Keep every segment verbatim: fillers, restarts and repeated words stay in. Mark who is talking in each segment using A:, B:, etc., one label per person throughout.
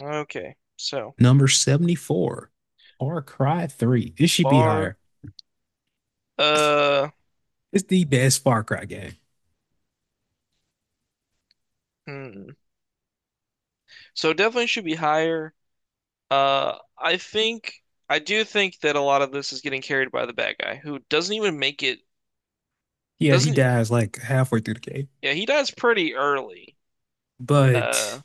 A: Okay, so
B: Number seventy-four, Far Cry three. This should be
A: bar.
B: higher.
A: Uh,
B: It's the best Far Cry game.
A: hmm. So definitely should be higher. Uh, I think I do think that a lot of this is getting carried by the bad guy who doesn't even make it.
B: Yeah, he
A: Doesn't
B: dies like halfway through the game.
A: yeah, he dies pretty early. Uh,
B: But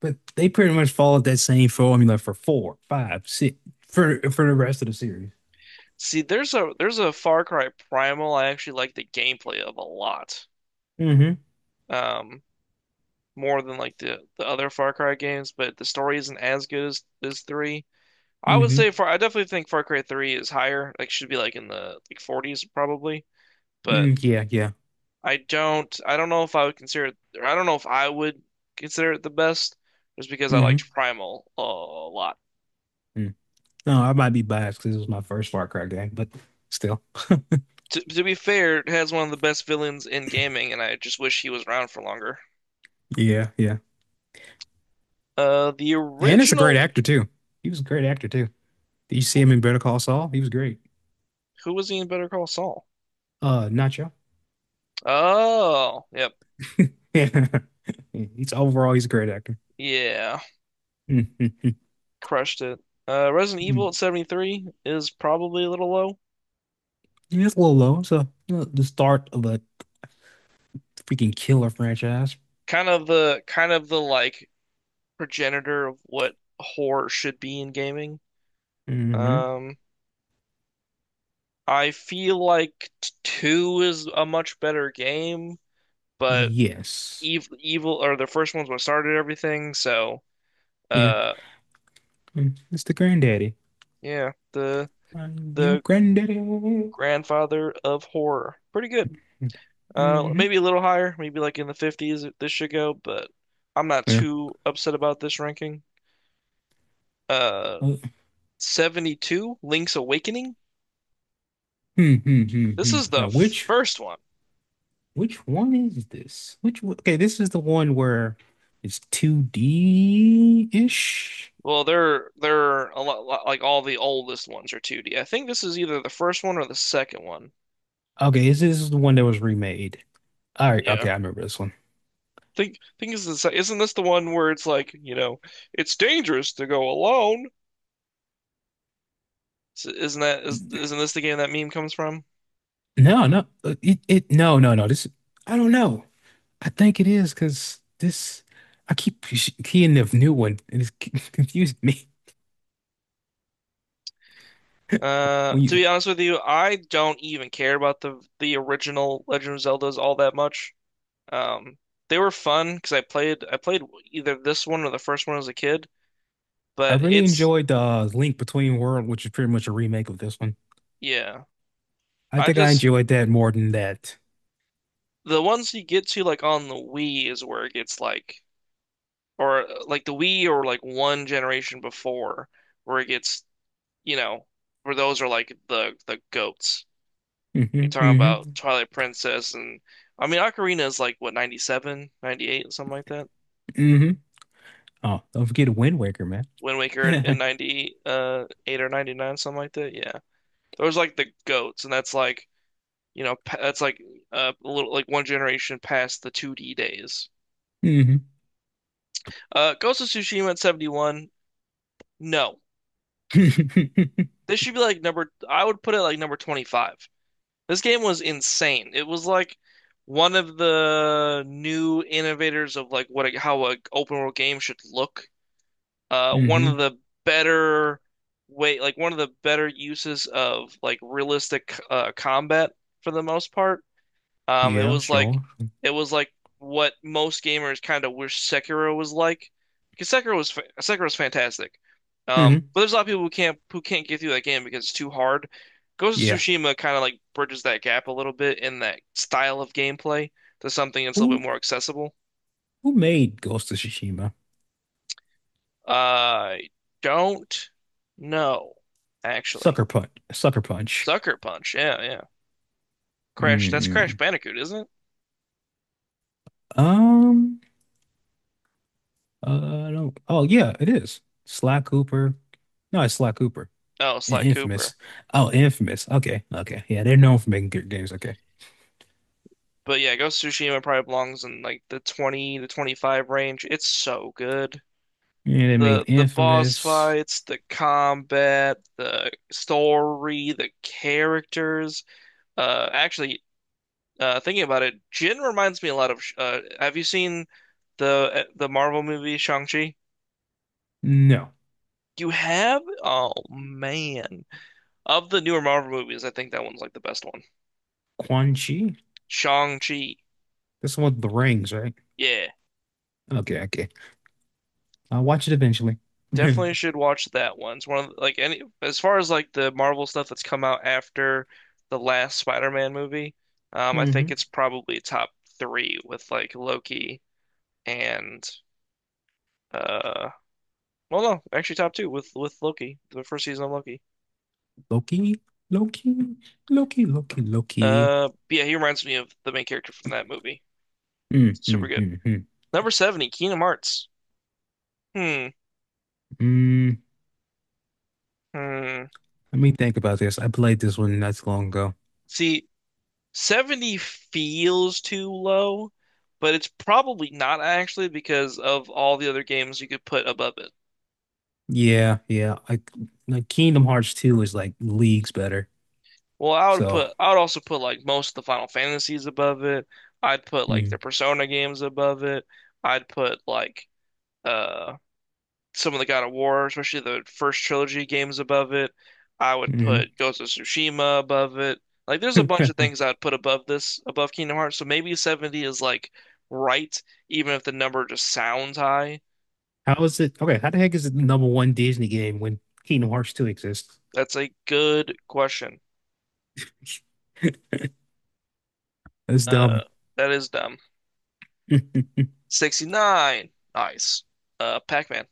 B: but they pretty much followed that same formula for four, five, six for for the rest of the series.
A: see, there's a there's a Far Cry Primal I actually like the gameplay of a lot.
B: Mm-hmm.
A: Um, more than like the the other Far Cry games, but the story isn't as good as as three. I would
B: Mm-hmm.
A: say Far, I definitely think Far Cry three is higher. Like should be like in the like forties probably. but
B: Mm, yeah, yeah.
A: I don't I don't know if I would consider it or I don't know if I would consider it the best just because I
B: Mm-hmm.
A: liked Primal a lot.
B: Mm. No, I might be biased because it was my first Far Cry game, but still.
A: To, to be fair, it has one of the best villains in gaming, and I just wish he was around for longer.
B: Yeah, yeah.
A: Uh the
B: And it's a great
A: original
B: actor too. He was a great actor too. Did you see him in Better Call Saul? He was great.
A: Who was he in Better Call Saul?
B: Uh Nacho.
A: Oh, yep.
B: Yeah. He's overall, he's a great actor.
A: Yeah, crushed it. Uh Resident Evil
B: Mm-hmm.
A: at seventy three is probably a little low.
B: It's a little low. So, you know, the start of a freaking killer franchise.
A: Kind of the kind of the like progenitor of what horror should be in gaming.
B: Hmm.
A: Um I feel like t- two is a much better game, but
B: Yes.
A: evil, evil or the first one's what started everything. So,
B: Yeah.
A: uh,
B: Mm. It's the granddaddy.
A: yeah, the
B: I'm your
A: the
B: granddaddy. Hmm.
A: grandfather of horror, pretty good. Uh, maybe a little higher, maybe like in the fifties this should go, but I'm not
B: Yeah.
A: too upset about this ranking. Uh,
B: Uh,
A: seventy two, Link's Awakening.
B: hmm, hmm, hmm,
A: This
B: hmm.
A: is the
B: Now which
A: first one.
B: which one is this? Which one- okay, this is the one where it's two D-ish.
A: Well, they're they're a lot like all the oldest ones are two D. I think this is either the first one or the second one.
B: Okay, this is the one that was remade. All right,
A: Yeah.
B: okay, I remember this one.
A: Think think is this, isn't this the one where it's like, you know, it's dangerous to go alone? S- Isn't that is isn't this the game that meme comes from?
B: No, no, uh, it, it, no, no, no. This, I don't know. I think it is because this, I keep push- keying the new one, and it's c- confused me.
A: Uh,
B: When
A: to
B: you,
A: be honest with you, I don't even care about the the original Legend of Zeldas all that much. Um, they were fun because I played I played either this one or the first one as a kid,
B: I
A: but
B: really
A: it's
B: enjoyed the uh, Link Between World, which is pretty much a remake of this one.
A: yeah.
B: I
A: I
B: think I
A: just
B: enjoyed that more than that.
A: the ones you get to like on the Wii is where it gets like, or like the Wii or like one generation before, where it gets, you know, where those are like the the goats. You're
B: Hmm.
A: talking
B: Hmm.
A: about Twilight Princess. And I mean Ocarina is like what, ninety seven, ninety eight, something like that.
B: Hmm. Oh, don't forget Wind Waker, man.
A: Wind Waker in in ninety uh eight or ninety nine, something like that. Yeah. Those are like the goats, and that's like, you know, pa- that's like uh, a little like one generation past the two D days.
B: Hmm.
A: Uh Ghost of Tsushima at seventy one. No. This should be like number, I would put it like number twenty five. This game was insane. It was like one of the new innovators of like what a, how a open world game should look. Uh, one of
B: Hmm.
A: the better way, like one of the better uses of like realistic uh, combat for the most part. Um, it
B: Yeah,
A: was like
B: sure.
A: it was like what most gamers kind of wish Sekiro was like, because Sekiro was fa Sekiro's fantastic. Um,
B: Hmm.
A: but there's a lot of people who can't who can't get through that game because it's too hard. Ghost of
B: Yeah.
A: Tsushima kind of like bridges that gap a little bit in that style of gameplay to something that's a little bit
B: Who,
A: more accessible.
B: who made Ghost of Tsushima?
A: I don't know, actually.
B: Sucker Punch. Sucker Punch.
A: Sucker Punch, yeah, yeah. Crash, that's Crash
B: Mm-hmm.
A: Bandicoot, isn't it?
B: Um, uh, I don't. Oh, yeah, it is. Sly Cooper. No, it's Sly Cooper.
A: Oh,
B: And
A: Sly
B: Infamous.
A: Cooper.
B: Oh, Infamous. Okay, okay. Yeah, they're known for making good games. Okay.
A: But yeah, Ghost of Tsushima probably belongs in like the twenty to twenty five range. It's so good.
B: Yeah, they made
A: The the boss
B: Infamous.
A: fights, the combat, the story, the characters. Uh actually uh thinking about it, Jin reminds me a lot of Sh- uh have you seen the uh, the Marvel movie Shang-Chi?
B: No,
A: You have? Oh man. Of the newer Marvel movies, I think that one's like the best one.
B: Quan Chi.
A: Shang-Chi.
B: That's the one with the rings, right?
A: Yeah.
B: Okay, okay. I'll watch it eventually.
A: Definitely should watch that one. It's one of the- like any as far as like the Marvel stuff that's come out after the last Spider-Man movie, um, I think
B: Hmm.
A: it's probably top three with like Loki, and uh well no, actually top two with with Loki, the first season of Loki.
B: Loki, Loki, Loki, Loki, Loki.
A: Uh but yeah, he reminds me of the main character from that movie.
B: Mm,
A: Super
B: mm,
A: good.
B: mm, mm.
A: Number seventy, Kingdom Hearts. Hmm.
B: Mm,
A: Hmm.
B: let me think about this. I played this one not too long ago.
A: See, seventy feels too low, but it's probably not actually, because of all the other games you could put above it.
B: Yeah, yeah. I, like, Kingdom Hearts two is like leagues better.
A: Well, I would
B: So,
A: put I would also put like most of the Final Fantasies above it. I'd put like the
B: mm,
A: Persona games above it. I'd put like uh some of the God of War, especially the first trilogy games, above it. I would
B: mhm.
A: put Ghost of Tsushima above it. Like there's a bunch of things I'd put above this, above Kingdom Hearts. So maybe seventy is like right, even if the number just sounds high.
B: How is it? Okay, how the heck is it the number one Disney game when Kingdom Hearts two exists?
A: That's a good question.
B: That's
A: Uh,
B: dumb.
A: that is dumb. sixty nine. Nice. Uh, Pac-Man.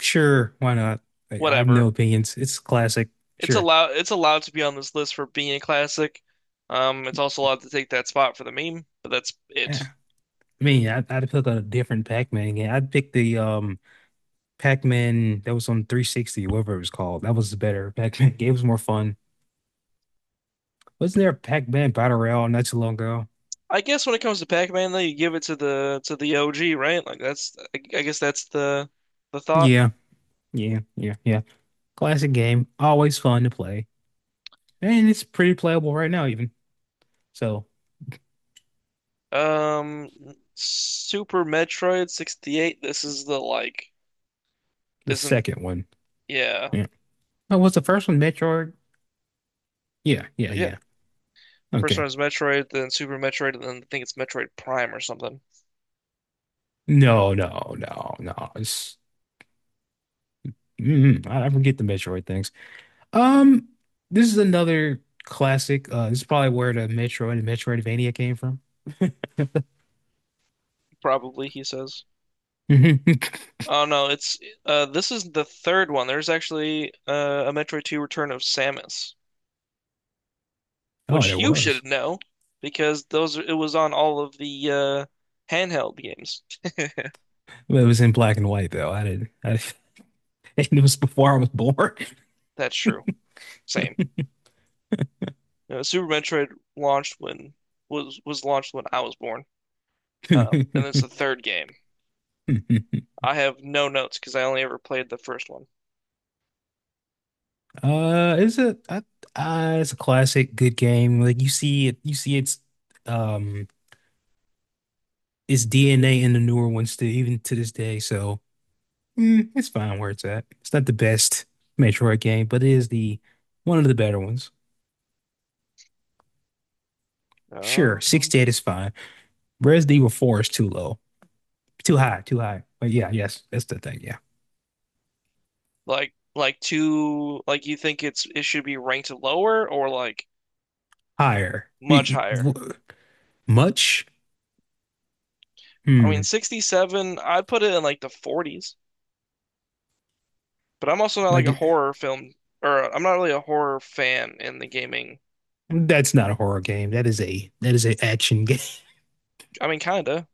B: Sure, why not? Like, I have no
A: Whatever.
B: opinions. It's classic.
A: It's
B: Sure.
A: allowed it's allowed to be on this list for being a classic. Um, it's also allowed to take that spot for the meme, but that's
B: Yeah.
A: it.
B: I mean, I, I'd pick a different Pac-Man game. I'd pick the um Pac-Man that was on three sixty, whatever it was called. That was the better Pac-Man game. It was more fun. Wasn't there a Pac-Man Battle Royale not too long ago?
A: I guess when it comes to Pac-Man, though, you give it to the to the O G, right? Like that's I, I guess that's the the thought.
B: Yeah, yeah, yeah, yeah. Classic game, always fun to play, and it's pretty playable right now even. So
A: Um, Super Metroid sixty eight. This is the like
B: the
A: isn't,
B: second one,
A: yeah.
B: yeah. Oh, was the first one Metroid? Yeah, yeah,
A: Yeah,
B: yeah.
A: first
B: Okay.
A: one is Metroid, then Super Metroid, and then I think it's Metroid Prime or something.
B: No, no, no, no. It's mm, I I forget the Metroid things. Um, this is another classic. Uh, this is probably where the Metroid and Metroidvania came from.
A: Probably, he says. Oh no, it's uh this is the third one. There's actually uh, a Metroid two Return of Samus,
B: Oh, and
A: which
B: it
A: you
B: was.
A: should know because those it was on all of the uh handheld games.
B: It was in black and white though. I didn't. I, it was before I was born.
A: That's true. Same. You know, Super Metroid launched when was was launched when I was born. Um, and it's the third game. I have no notes because I only ever played the first one.
B: Uh, it's a I, uh, it's a classic good game. Like you see it, you see its um its D N A in the newer ones to even to this day. So, mm, it's fine where it's at. It's not the best Metroid game, but it is the one of the better ones. Sure,
A: Oh.
B: sixty-eight is fine. Res Evil four is too low, too high, too high. But yeah, yes, that's the thing. Yeah,
A: Like like two, like you think it's it should be ranked lower or like
B: higher. E-
A: much
B: e-
A: higher?
B: w- Much?
A: I mean,
B: Hmm.
A: sixty seven, I'd put it in like the forties, but I'm also not like
B: Like
A: a
B: it,
A: horror film, or I'm not really a horror fan in the gaming.
B: that's not a horror game. That is a that is an action.
A: I mean, kinda.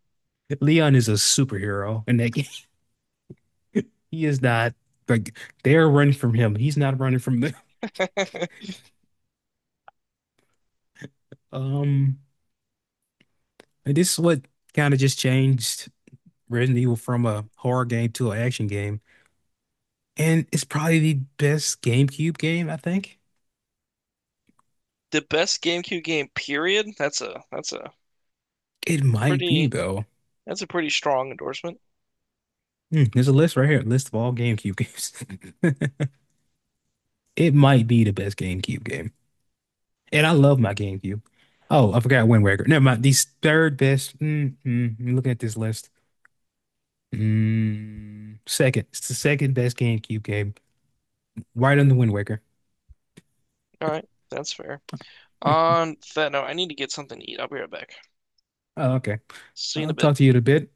B: Leon is a superhero in that game. He is not like they're running from him. He's not running from them. Um, and this is what kind of just changed Resident Evil from a horror game to an action game. And it's probably the best GameCube game, I think.
A: The best GameCube game, period. That's a, that's a
B: It might be
A: pretty,
B: though.
A: that's a pretty strong endorsement.
B: Hmm, there's a list right here, a list of all GameCube games. It might be the best GameCube game. And I love my GameCube. Oh, I forgot Wind Waker. Never mind. The third best. Mm, mm, I'm looking at this list. Mm, second. It's the second best GameCube game, right under Wind Waker.
A: All right, that's fair. On that note, I need to get something to eat. I'll be right back.
B: Oh, okay.
A: See you in a
B: I'll
A: bit.
B: talk to you in a bit.